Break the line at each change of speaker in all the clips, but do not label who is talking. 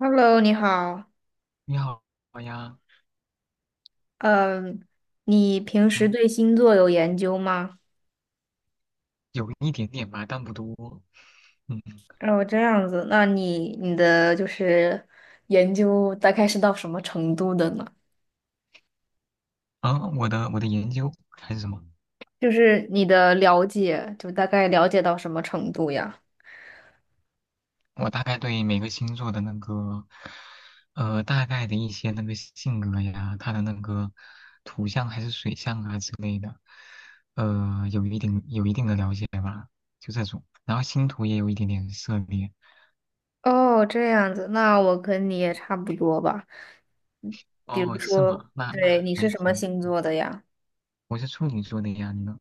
Hello，你好。
你好呀。
嗯，你平时
嗯，
对星座有研究吗？
有一点点吧，但不多。嗯。
哦，这样子，那你的就是研究大概是到什么程度的呢？
啊，我的研究还是什么？
就是你的了解，就大概了解到什么程度呀？
我大概对每个星座的那个，大概的一些那个性格呀，它的那个土象还是水象啊之类的，有一定的了解吧，就这种。然后星图也有一点点涉猎。
哦，这样子，那我跟你也差不多吧。嗯，比如
哦，是
说，
吗？那
对，你是
还
什么
挺，
星座的呀？
我是处女座的呀，你呢？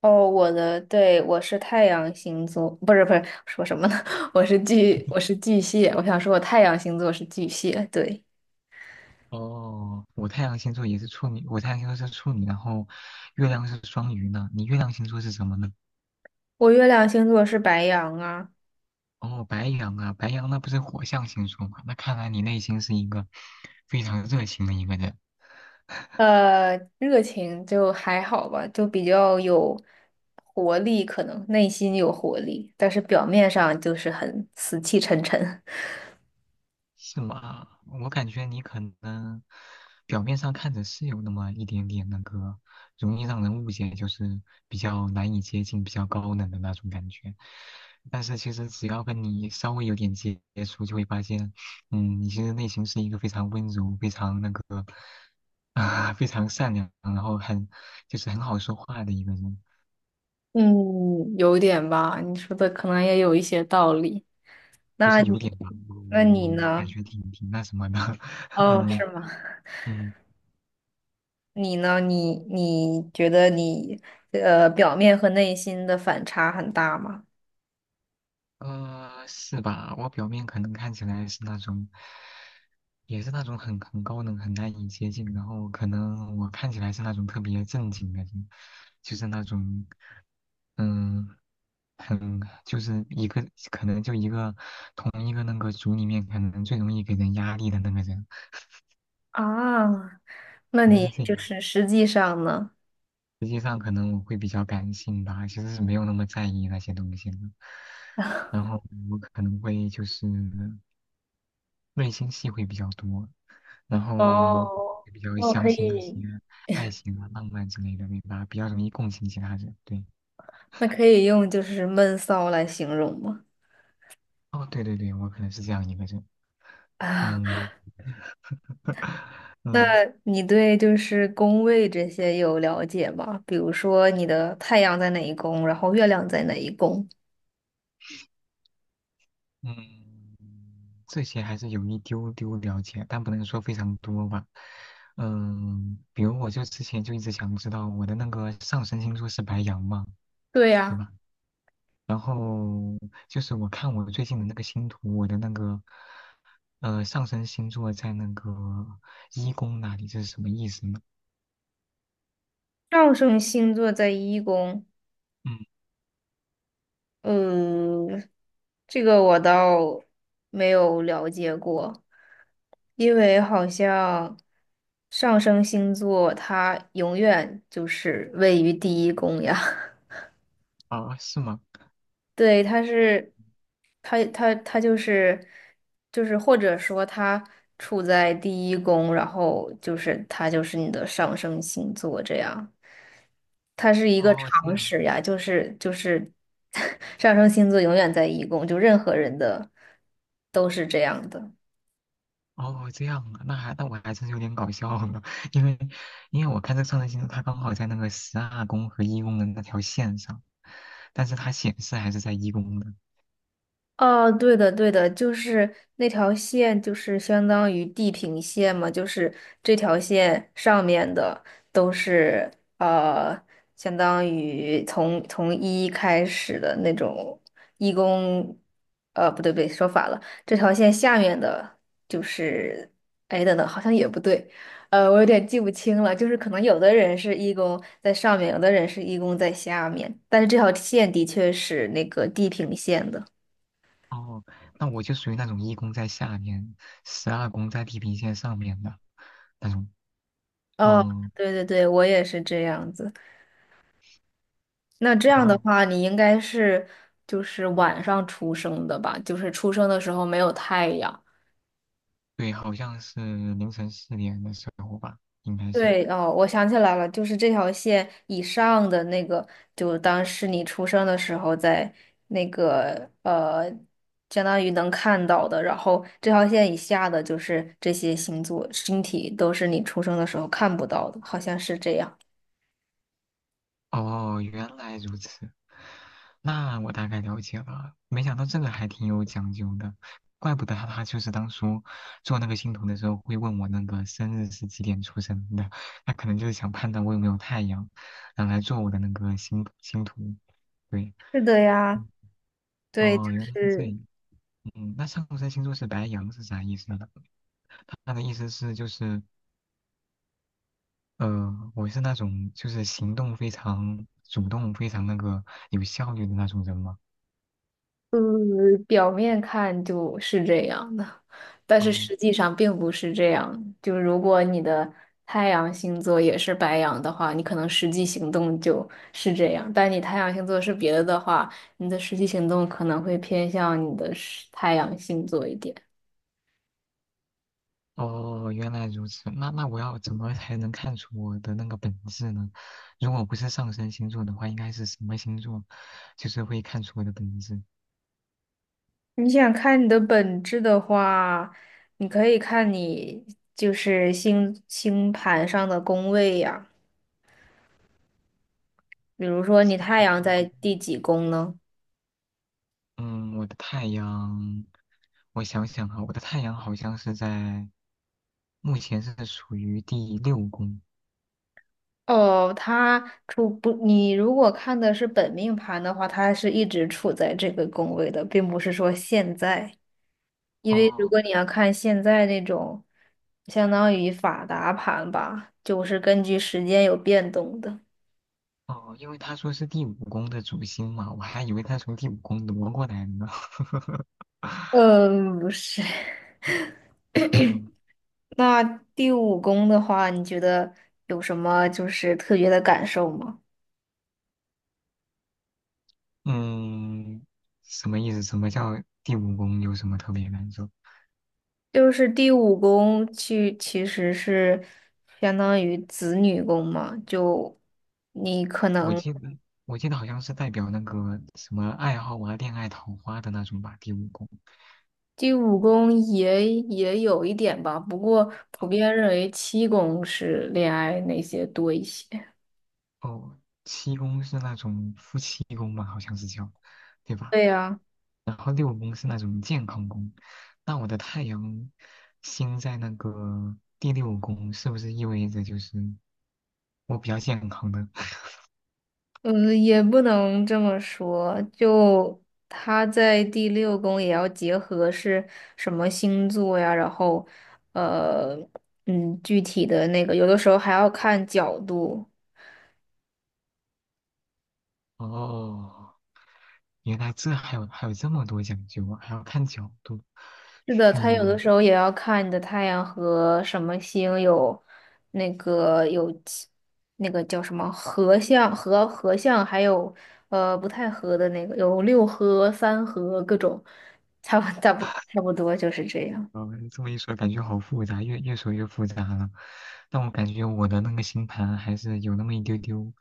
哦，我的，对，我是太阳星座，不是，说什么呢？我是巨，我是巨蟹。我想说，我太阳星座是巨蟹，对，
哦，我太阳星座也是处女，我太阳星座是处女，然后月亮是双鱼呢。你月亮星座是什么呢？
我月亮星座是白羊啊。
哦，白羊啊，白羊那不是火象星座吗？那看来你内心是一个非常热情的一个人。
呃，热情就还好吧，就比较有活力，可能内心有活力，但是表面上就是很死气沉沉。
是吗？我感觉你可能表面上看着是有那么一点点那个，容易让人误解，就是比较难以接近、比较高冷的那种感觉。但是其实只要跟你稍微有点接触，就会发现，嗯，你其实内心是一个非常温柔、非常那个啊、非常善良，然后很就是很好说话的一个人。
嗯，有点吧，你说的可能也有一些道理。
不
那
是有
你，
点吧？我我
那你
我我感
呢？
觉挺挺那什么的。
哦，是
嗯。
吗？
嗯。
你呢？你觉得你表面和内心的反差很大吗？
呃，是吧？我表面可能看起来是那种，也是那种很高冷、很难以接近，然后可能我看起来是那种特别正经的人，就是那种，嗯，很就是一个可能就一个同一个那个组里面可能最容易给人压力的那个人，
啊，那
可能
你
是这
就
样。
是实际上呢？
实际上，可能我会比较感性吧，其实是没有那么在意那些东西的。然后我可能会就是内心戏会比较多。然后我
哦，
也比较
那我
相
可
信那些
以，
爱情啊、浪漫之类的，明白？比较容易共情其他人。对，
那可以用就是闷骚来形容吗？
哦，对对对，我可能是这样一个人。
啊，
嗯。
那
嗯。
你对就是宫位这些有了解吗？比如说你的太阳在哪一宫，然后月亮在哪一宫，
嗯，这些还是有一丢丢了解，但不能说非常多吧。嗯，比如我就之前就一直想知道我的那个上升星座是白羊嘛，
对
对
呀，
吧？然后就是我看我最近的那个星图，我的那个上升星座在那个一宫那里，这是什么意思呢？
上升星座在一宫，
嗯。
呃，这个我倒没有了解过，因为好像上升星座它永远就是位于第一宫呀。
哦，是吗？
对，他是，他就是，就是或者说他处在第一宫，然后就是他就是你的上升星座这样，它是一个
哦，这
常
样。
识呀，就是 上升星座永远在一宫，就任何人的都是这样的。
哦，这样啊，那还那我还真是有点搞笑呢。因为因为我看这个上升星座，它刚好在那个十二宫和一宫的那条线上，但是它显示还是在一宫的。
哦，对的，对的，就是那条线，就是相当于地平线嘛，就是这条线上面的都是呃，相当于从一开始的那种义工，呃，不对，说反了，这条线下面的就是，哎，等等，好像也不对，呃，我有点记不清了，就是可能有的人是义工在上面，有的人是义工在下面，但是这条线的确是那个地平线的。
哦，那我就属于那种一宫在下面，十二宫在地平线上面的那种。
哦，
嗯。
对对对，我也是这样子。那这样的
哦，
话，你应该是就是晚上出生的吧？就是出生的时候没有太阳。
对，好像是凌晨4点的时候吧，应该是。
对，哦，我想起来了，就是这条线以上的那个，就当是你出生的时候在那个相当于能看到的，然后这条线以下的就是这些星座星体都是你出生的时候看不到的，好像是这样。
哦，原来如此，那我大概了解了。没想到这个还挺有讲究的，怪不得他就是当初做那个星图的时候会问我那个生日是几点出生的，他可能就是想判断我有没有太阳，然后来做我的那个星星图。对。
是的呀，
嗯。
对，就
哦，原来是这
是。
样。嗯，那上升星座是白羊是啥意思呢？他的意思是就是。我是那种就是行动非常主动、非常那个有效率的那种人嘛。
嗯，表面看就是这样的，但是
哦。
实际上并不是这样。就如果你的太阳星座也是白羊的话，你可能实际行动就是这样；但你太阳星座是别的的话，你的实际行动可能会偏向你的是太阳星座一点。
哦，原来如此。那那我要怎么才能看出我的那个本质呢？如果不是上升星座的话，应该是什么星座，就是会看出我的本质？
你想看你的本质的话，你可以看你就是星星盘上的宫位呀，比如说
星
你
盘
太阳
上的。
在第几宫呢？
嗯，我的太阳，我想想哈，我的太阳好像是在目前是属于第六宫。
哦，他处不，你如果看的是本命盘的话，他是一直处在这个宫位的，并不是说现在。因为如
哦。
果你要看现在那种，相当于法达盘吧，就是根据时间有变动的。
哦，因为他说是第五宫的主星嘛，我还以为他从第五宫挪过来呢。
嗯，不是。
嗯。
那第五宫的话，你觉得有什么就是特别的感受吗？
嗯，什么意思？什么叫第五宫？有什么特别感受？
就是第五宫去其实是相当于子女宫嘛，就你可
我
能
记得我记得好像是代表那个什么爱好啊、恋爱、桃花的那种吧。第五宫，
第五宫也有一点吧，不过普遍认为七宫是恋爱那些多一些。
哦，7宫是那种夫妻宫吧，好像是叫，对吧？
对呀，
然后六宫是那种健康宫，那我的太阳星在那个第六宫，是不是意味着就是我比较健康的？
嗯，也不能这么说，就他在第六宫也要结合是什么星座呀，然后呃具体的那个，有的时候还要看角度。
哦，原来这还有还有这么多讲究啊，还要看角度。
是的，它有的
嗯。
时候也要看你的太阳和什么星有那个有其那个叫什么合相、合相，还有呃不太合的那个，有六合、三合各种，差不多就是这样。
嗯，这么一说，感觉好复杂，越说越复杂了。但我感觉我的那个星盘还是有那么一丢丢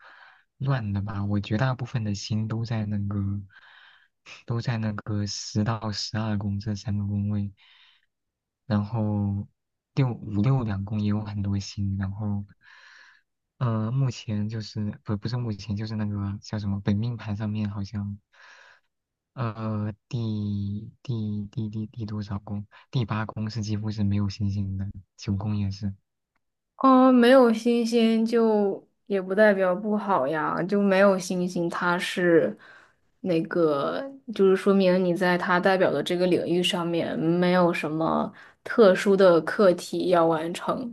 乱的吧。我绝大部分的星都在那个都在那个10到12宫这3个宫位，然后六五六两宫也有很多星，然后目前就是不是目前就是那个叫什么本命盘上面好像。呃，第多少宫？第八宫是几乎是没有星星的，9宫也是。
嗯，没有星星就也不代表不好呀，就没有星星，它是那个，就是说明你在它代表的这个领域上面没有什么特殊的课题要完成，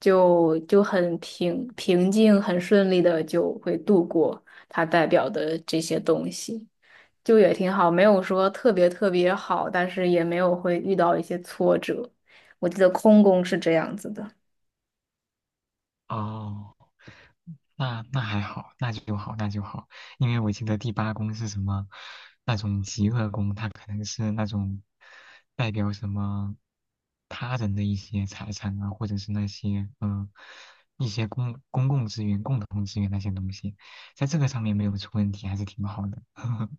就很平平静、很顺利的就会度过它代表的这些东西，就也挺好，没有说特别好，但是也没有会遇到一些挫折。我记得空宫是这样子的。
哦，那那还好，那就好，那就好。因为我记得第八宫是什么，那种极恶宫，它可能是那种代表什么他人的一些财产啊，或者是那些嗯、一些公共资源、共同资源那些东西，在这个上面没有出问题，还是挺好的。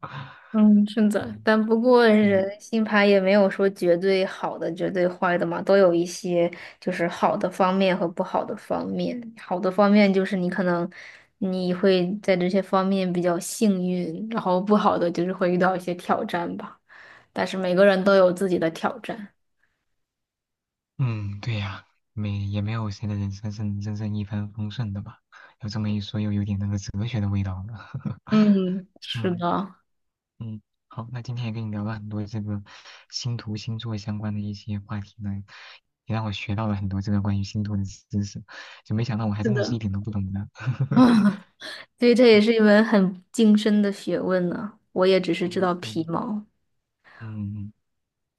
嗯，是的，
嗯。
但不过
对，
人星牌也没有说绝对好的、绝对坏的嘛，都有一些就是好的方面和不好的方面。好的方面就是你可能你会在这些方面比较幸运，然后不好的就是会遇到一些挑战吧。但是每个人都有自己的挑战。
嗯，对呀，没也没有谁的人生是真正一帆风顺的吧？有这么一说，又有点那个哲学的味道了。
嗯，是
嗯。
的，
嗯，好，那今天也跟你聊了很多这个星图星座相关的一些话题呢，也让我学到了很多这个关于星图的知识，就没想到我还
是
真的是一
的，
点都不懂呢。
啊，所以这也
嗯。
是一门很精深的学问呢。我也只是知
嗯，
道皮
对，
毛。
嗯。嗯，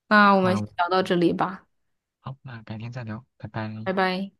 那我们
那
先
我
聊到这里吧，
好，那改天再聊，拜拜。
拜拜。